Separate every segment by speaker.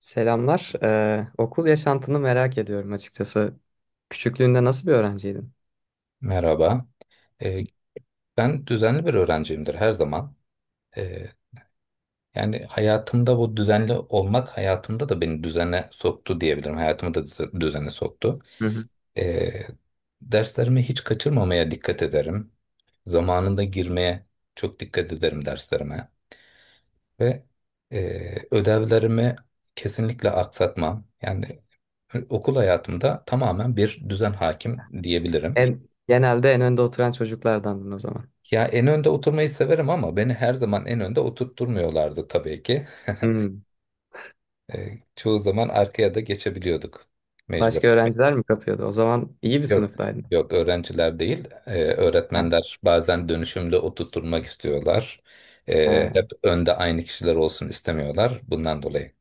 Speaker 1: Selamlar. Okul yaşantını merak ediyorum açıkçası. Küçüklüğünde nasıl bir öğrenciydin?
Speaker 2: Merhaba. Ee, Ben düzenli bir öğrenciyimdir her zaman. Ee, Yani hayatımda bu düzenli olmak hayatımda da beni düzene soktu diyebilirim. Hayatımı da düzene soktu. Ee, Derslerimi hiç kaçırmamaya dikkat ederim. Zamanında girmeye çok dikkat ederim derslerime. Ve e, ödevlerimi kesinlikle aksatmam. Yani okul hayatımda tamamen bir düzen hakim diyebilirim.
Speaker 1: Genelde en önde oturan çocuklardandın o zaman.
Speaker 2: Ya en önde oturmayı severim ama beni her zaman en önde oturtturmuyorlardı tabii ki.
Speaker 1: Hmm.
Speaker 2: Çoğu zaman arkaya da geçebiliyorduk mecbur.
Speaker 1: Başka öğrenciler mi kapıyordu? O zaman iyi bir
Speaker 2: Yok.
Speaker 1: sınıftaydınız.
Speaker 2: Yok, öğrenciler değil.
Speaker 1: Heh,
Speaker 2: Öğretmenler bazen dönüşümlü oturtturmak istiyorlar. Hep
Speaker 1: he.
Speaker 2: önde aynı kişiler olsun istemiyorlar bundan dolayı.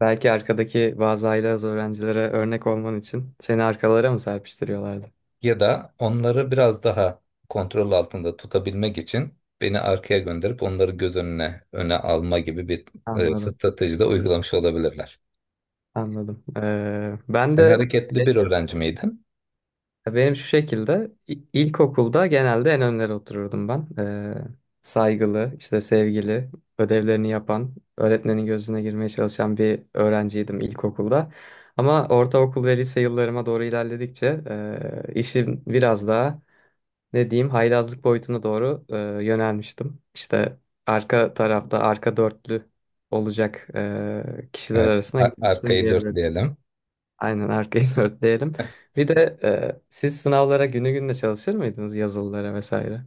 Speaker 1: Belki arkadaki bazı aile az öğrencilere örnek olman için seni arkalara mı serpiştiriyorlardı?
Speaker 2: Ya da onları biraz daha kontrol altında tutabilmek için beni arkaya gönderip onları göz önüne öne alma gibi bir
Speaker 1: Anladım,
Speaker 2: strateji de uygulamış olabilirler.
Speaker 1: anladım.
Speaker 2: Sen hareketli bir öğrenci miydin?
Speaker 1: Benim şu şekilde ilkokulda genelde en önlere otururdum ben. Saygılı, işte sevgili, ödevlerini yapan, öğretmenin gözüne girmeye çalışan bir öğrenciydim ilkokulda. Ama ortaokul ve lise yıllarıma doğru ilerledikçe işim biraz daha ne diyeyim haylazlık boyutuna doğru yönelmiştim. İşte arka tarafta arka dörtlü olacak kişiler
Speaker 2: Evet,
Speaker 1: arasına gitmiştim.
Speaker 2: arkayı dörtleyelim.
Speaker 1: Aynen arkayı dörtleyelim. Bir de siz sınavlara günü gününe çalışır mıydınız, yazılılara vesaire?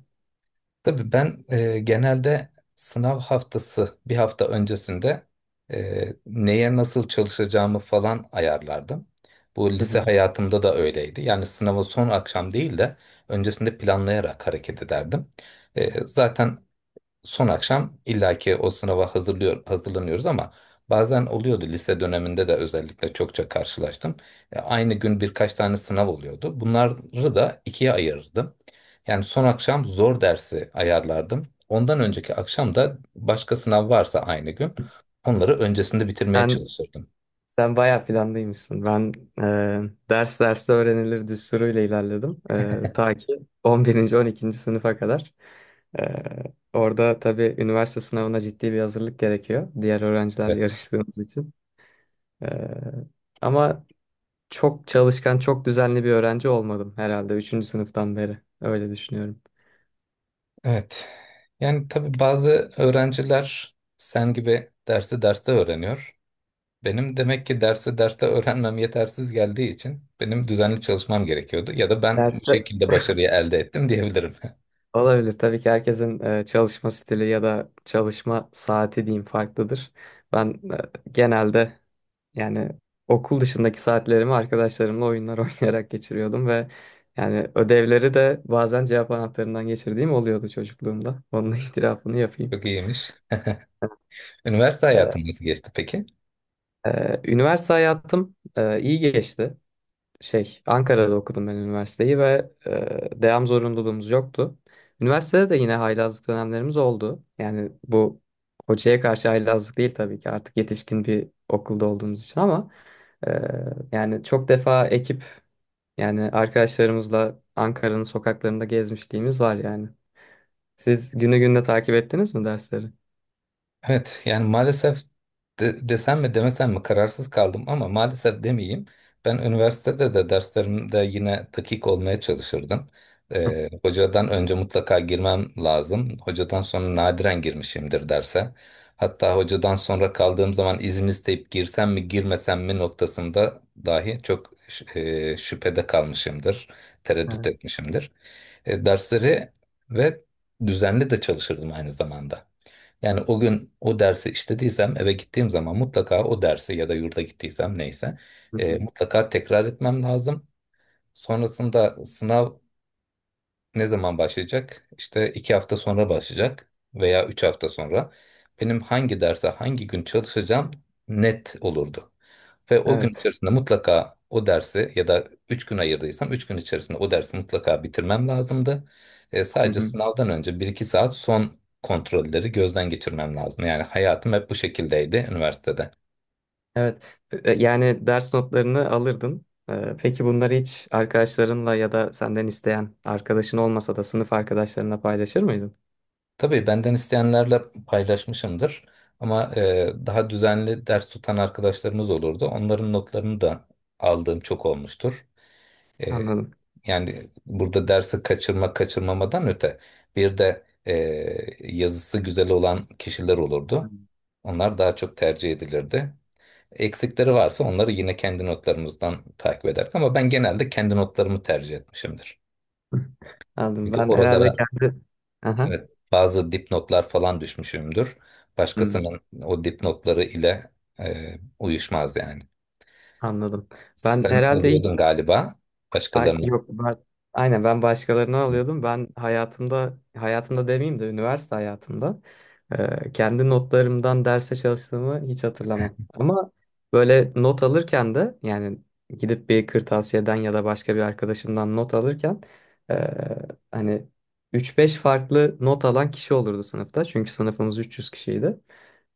Speaker 2: Tabii ben genelde sınav haftası bir hafta öncesinde neye nasıl çalışacağımı falan ayarlardım. Bu
Speaker 1: Hı
Speaker 2: lise
Speaker 1: hı.
Speaker 2: hayatımda da öyleydi. Yani sınavı son akşam değil de öncesinde planlayarak hareket ederdim. Zaten son akşam illaki o sınava hazırlıyor, hazırlanıyoruz ama bazen oluyordu lise döneminde de özellikle çokça karşılaştım. Aynı gün birkaç tane sınav oluyordu. Bunları da ikiye ayırırdım. Yani son akşam zor dersi ayarlardım. Ondan önceki akşam da başka sınav varsa aynı gün onları öncesinde bitirmeye
Speaker 1: Sen
Speaker 2: çalışırdım.
Speaker 1: sen bayağı planlıymışsın. Ben ders derste öğrenilir düsturuyla ilerledim. Ta ki 11. 12. sınıfa kadar. E, Orada tabii üniversite sınavına ciddi bir hazırlık gerekiyor, diğer öğrencilerle
Speaker 2: Evet.
Speaker 1: yarıştığımız için. E, ama çok çalışkan, çok düzenli bir öğrenci olmadım herhalde üçüncü sınıftan beri. Öyle düşünüyorum.
Speaker 2: Evet, yani tabii bazı öğrenciler sen gibi dersi derste öğreniyor. Benim demek ki derse derste öğrenmem yetersiz geldiği için benim düzenli çalışmam gerekiyordu. Ya da ben bu
Speaker 1: Derste,
Speaker 2: şekilde başarıyı elde ettim diyebilirim.
Speaker 1: Olabilir. Tabii ki herkesin çalışma stili ya da çalışma saati diyeyim farklıdır. Ben genelde yani okul dışındaki saatlerimi arkadaşlarımla oyunlar oynayarak geçiriyordum ve yani ödevleri de bazen cevap anahtarından geçirdiğim oluyordu çocukluğumda. Onun itirafını yapayım.
Speaker 2: Çok iyiymiş. Üniversite
Speaker 1: E,
Speaker 2: hayatın nasıl geçti peki?
Speaker 1: Üniversite hayatım iyi geçti. Ankara'da okudum ben üniversiteyi ve devam zorunluluğumuz yoktu. Üniversitede de yine haylazlık dönemlerimiz oldu. Yani bu hocaya karşı haylazlık değil tabii ki, artık yetişkin bir okulda olduğumuz için, ama e, yani çok defa yani arkadaşlarımızla Ankara'nın sokaklarında gezmişliğimiz var yani. Siz günü gününe takip ettiniz mi dersleri?
Speaker 2: Evet yani maalesef desem mi demesem mi kararsız kaldım ama maalesef demeyeyim. Ben üniversitede de derslerimde yine dakik olmaya çalışırdım. Hocadan önce mutlaka girmem lazım. Hocadan sonra nadiren girmişimdir derse. Hatta hocadan sonra kaldığım zaman izin isteyip girsem mi girmesem mi noktasında dahi şüphede kalmışımdır. Tereddüt
Speaker 1: Evet.
Speaker 2: etmişimdir. Dersleri ve düzenli de çalışırdım aynı zamanda. Yani o gün o dersi işlediysem eve gittiğim zaman mutlaka o dersi ya da yurda gittiysem neyse
Speaker 1: Hı hı.
Speaker 2: mutlaka tekrar etmem lazım. Sonrasında sınav ne zaman başlayacak? İşte 2 hafta sonra başlayacak veya 3 hafta sonra. Benim hangi derse hangi gün çalışacağım net olurdu. Ve o gün
Speaker 1: Evet.
Speaker 2: içerisinde mutlaka o dersi ya da 3 gün ayırdıysam 3 gün içerisinde o dersi mutlaka bitirmem lazımdı.
Speaker 1: Hı
Speaker 2: Sadece
Speaker 1: hı.
Speaker 2: sınavdan önce bir iki saat son kontrolleri gözden geçirmem lazım. Yani hayatım hep bu şekildeydi üniversitede.
Speaker 1: Evet. Yani ders notlarını alırdın. Peki bunları hiç arkadaşlarınla ya da senden isteyen arkadaşın olmasa da sınıf arkadaşlarına paylaşır mıydın?
Speaker 2: Tabii benden isteyenlerle paylaşmışımdır. Ama daha düzenli ders tutan arkadaşlarımız olurdu. Onların notlarını da aldığım çok olmuştur. E,
Speaker 1: Anladım.
Speaker 2: Yani burada dersi kaçırma kaçırmamadan öte bir de yazısı güzel olan kişiler olurdu.
Speaker 1: Hmm.
Speaker 2: Onlar daha çok tercih edilirdi. Eksikleri varsa onları yine kendi notlarımızdan takip ederdik ama ben genelde kendi notlarımı tercih etmişimdir.
Speaker 1: Anladım.
Speaker 2: Çünkü
Speaker 1: Ben herhalde
Speaker 2: oralara
Speaker 1: kendi... Aha.
Speaker 2: evet bazı dipnotlar falan düşmüşümdür.
Speaker 1: Hmm,
Speaker 2: Başkasının o dipnotları ile uyuşmaz yani.
Speaker 1: anladım. Ben
Speaker 2: Sen
Speaker 1: herhalde
Speaker 2: alıyordun galiba
Speaker 1: Ay,
Speaker 2: başkalarının.
Speaker 1: yok ben, aynen ben başkalarını alıyordum. Ben hayatımda, hayatımda demeyeyim de üniversite hayatımda kendi notlarımdan derse çalıştığımı hiç hatırlamam. Ama böyle not alırken de yani gidip bir kırtasiyeden ya da başka bir arkadaşımdan not alırken, e, hani üç beş farklı not alan kişi olurdu sınıfta. Çünkü sınıfımız 300 kişiydi.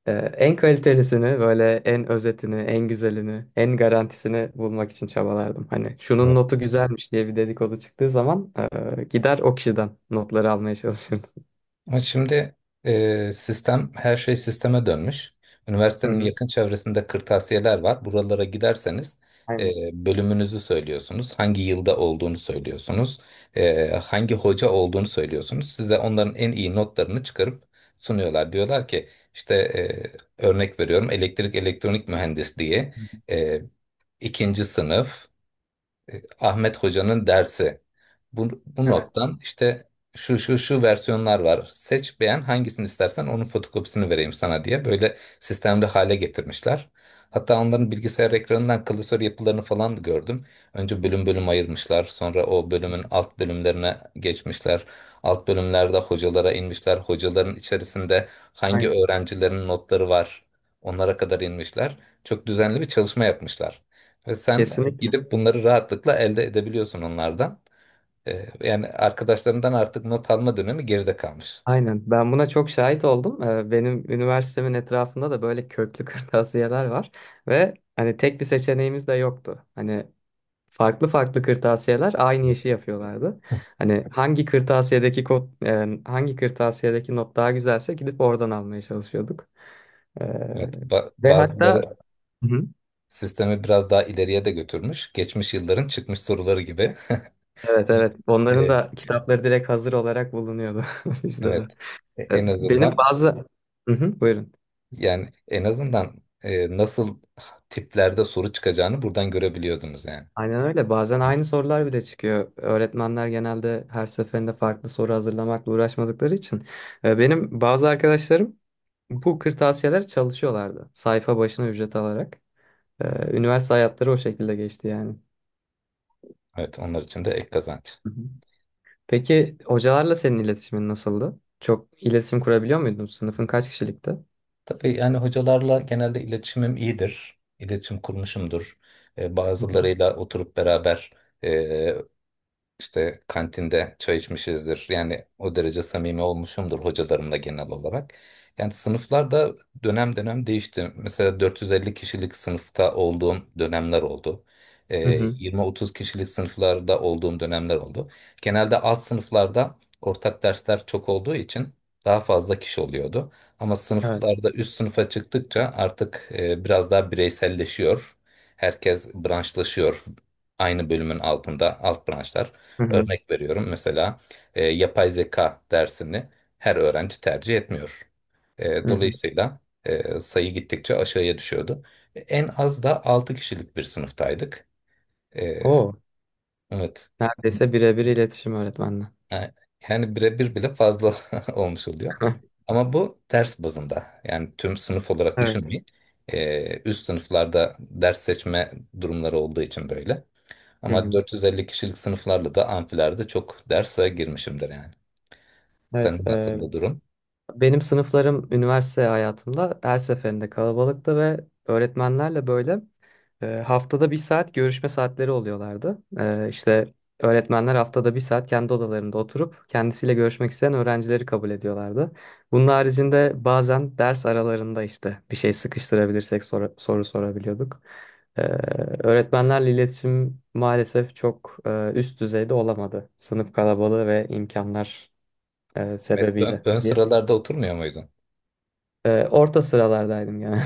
Speaker 1: En kalitelisini, böyle en özetini, en güzelini, en garantisini bulmak için çabalardım. Hani şunun notu güzelmiş diye bir dedikodu çıktığı zaman gider o kişiden notları almaya çalışırdım.
Speaker 2: Ama şimdi sistem her şey sisteme dönmüş.
Speaker 1: Hı
Speaker 2: Üniversitenin
Speaker 1: hı.
Speaker 2: yakın çevresinde kırtasiyeler var. Buralara giderseniz e,
Speaker 1: Aynen.
Speaker 2: bölümünüzü söylüyorsunuz. Hangi yılda olduğunu söylüyorsunuz. Hangi hoca olduğunu söylüyorsunuz. Size onların en iyi notlarını çıkarıp sunuyorlar. Diyorlar ki işte örnek veriyorum elektrik elektronik mühendisliği,
Speaker 1: Hı hı.
Speaker 2: e, ikinci sınıf, Ahmet Hoca'nın dersi. Bu
Speaker 1: Evet.
Speaker 2: nottan işte şu şu şu versiyonlar var. Seç beğen hangisini istersen onun fotokopisini vereyim sana diye böyle sistemli hale getirmişler. Hatta onların bilgisayar ekranından klasör yapılarını falan da gördüm. Önce bölüm bölüm ayırmışlar. Sonra o
Speaker 1: Hı
Speaker 2: bölümün
Speaker 1: hı.
Speaker 2: alt bölümlerine geçmişler. Alt bölümlerde hocalara inmişler. Hocaların içerisinde hangi
Speaker 1: Aynen.
Speaker 2: öğrencilerin notları var onlara kadar inmişler. Çok düzenli bir çalışma yapmışlar. Ve sen
Speaker 1: Kesinlikle.
Speaker 2: gidip bunları rahatlıkla elde edebiliyorsun onlardan. Yani arkadaşlarından artık not alma dönemi geride kalmış.
Speaker 1: Aynen. Ben buna çok şahit oldum. Benim üniversitemin etrafında da böyle köklü kırtasiyeler var ve hani tek bir seçeneğimiz de yoktu. Hani farklı farklı kırtasiyeler aynı
Speaker 2: Evet.
Speaker 1: işi yapıyorlardı. Hani e, hangi kırtasiyedeki not daha güzelse gidip oradan almaya çalışıyorduk. E,
Speaker 2: Evet,
Speaker 1: Ve hatta...
Speaker 2: bazıları
Speaker 1: Hı hı.
Speaker 2: sistemi biraz daha ileriye de götürmüş. Geçmiş yılların çıkmış soruları gibi.
Speaker 1: Evet, evet, onların
Speaker 2: Ee,
Speaker 1: da kitapları direkt hazır olarak bulunuyordu bizde de.
Speaker 2: Evet. En
Speaker 1: Benim
Speaker 2: azından
Speaker 1: bazı Hı hı, buyurun.
Speaker 2: yani en azından nasıl tiplerde soru çıkacağını buradan görebiliyordunuz yani.
Speaker 1: Aynen öyle. Bazen
Speaker 2: Evet.
Speaker 1: aynı sorular bile çıkıyor. Öğretmenler genelde her seferinde farklı soru hazırlamakla uğraşmadıkları için. Benim bazı arkadaşlarım Bu kırtasiyeler çalışıyorlardı. Sayfa başına ücret alarak. Üniversite hayatları o şekilde geçti yani.
Speaker 2: Evet, onlar için de ek kazanç.
Speaker 1: Hı hı. Peki hocalarla senin iletişimin nasıldı? Çok iletişim kurabiliyor muydun? Sınıfın kaç kişilikti?
Speaker 2: Tabii yani hocalarla genelde iletişimim iyidir. İletişim kurmuşumdur.
Speaker 1: Hı hı.
Speaker 2: Bazılarıyla oturup beraber işte kantinde çay içmişizdir. Yani o derece samimi olmuşumdur hocalarımla genel olarak. Yani sınıflar da dönem dönem değişti. Mesela 450 kişilik sınıfta olduğum dönemler oldu.
Speaker 1: Hı
Speaker 2: Ee,
Speaker 1: hı.
Speaker 2: 20-30 kişilik sınıflarda olduğum dönemler oldu. Genelde alt sınıflarda ortak dersler çok olduğu için daha fazla kişi oluyordu. Ama
Speaker 1: Evet.
Speaker 2: sınıflarda üst sınıfa çıktıkça artık biraz daha bireyselleşiyor. Herkes branşlaşıyor. Aynı bölümün altında alt branşlar.
Speaker 1: Hı hı.
Speaker 2: Örnek veriyorum mesela yapay zeka dersini her öğrenci tercih etmiyor.
Speaker 1: Hı hı.
Speaker 2: Dolayısıyla sayı gittikçe aşağıya düşüyordu. En az da 6 kişilik bir sınıftaydık. E,
Speaker 1: Oo,
Speaker 2: evet.
Speaker 1: neredeyse birebir iletişim öğretmenle.
Speaker 2: Yani yani birebir bile fazla olmuş oluyor. Ama bu ders bazında. Yani tüm sınıf olarak
Speaker 1: Evet.
Speaker 2: düşünmeyin. Üst sınıflarda ders seçme durumları olduğu için böyle.
Speaker 1: Hı
Speaker 2: Ama
Speaker 1: hı.
Speaker 2: 450 kişilik sınıflarla da amfilerde çok derse girmişimdir yani.
Speaker 1: Evet,
Speaker 2: Senin nasıldı durum?
Speaker 1: benim sınıflarım üniversite hayatımda her seferinde kalabalıktı ve öğretmenlerle böyle haftada bir saat görüşme saatleri oluyorlardı. İşte öğretmenler haftada bir saat kendi odalarında oturup kendisiyle görüşmek isteyen öğrencileri kabul ediyorlardı. Bunun haricinde bazen ders aralarında işte bir şey sıkıştırabilirsek soru sorabiliyorduk. E, Öğretmenlerle iletişim maalesef çok üst düzeyde olamadı. Sınıf kalabalığı ve imkanlar sebebiyle.
Speaker 2: Ön sıralarda oturmuyor muydun?
Speaker 1: Orta sıralardaydım genelde.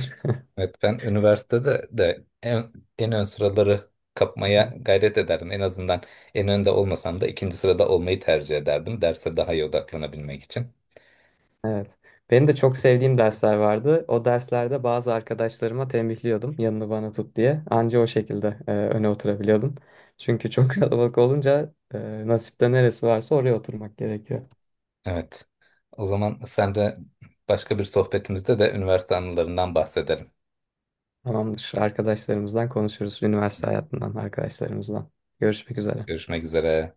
Speaker 2: Evet ben üniversitede de en ön sıraları
Speaker 1: Hı
Speaker 2: kapmaya
Speaker 1: hı.
Speaker 2: gayret ederdim. En azından en önde olmasam da ikinci sırada olmayı tercih ederdim. Derse daha iyi odaklanabilmek için.
Speaker 1: Evet. Benim de çok sevdiğim dersler vardı. O derslerde bazı arkadaşlarıma tembihliyordum yanını bana tut diye. Anca o şekilde öne oturabiliyordum. Çünkü çok kalabalık olunca nasipte neresi varsa oraya oturmak gerekiyor.
Speaker 2: Evet. O zaman sen de başka bir sohbetimizde de üniversite anılarından bahsedelim.
Speaker 1: Tamamdır. Arkadaşlarımızdan konuşuruz. Üniversite hayatından arkadaşlarımızdan. Görüşmek üzere.
Speaker 2: Görüşmek üzere.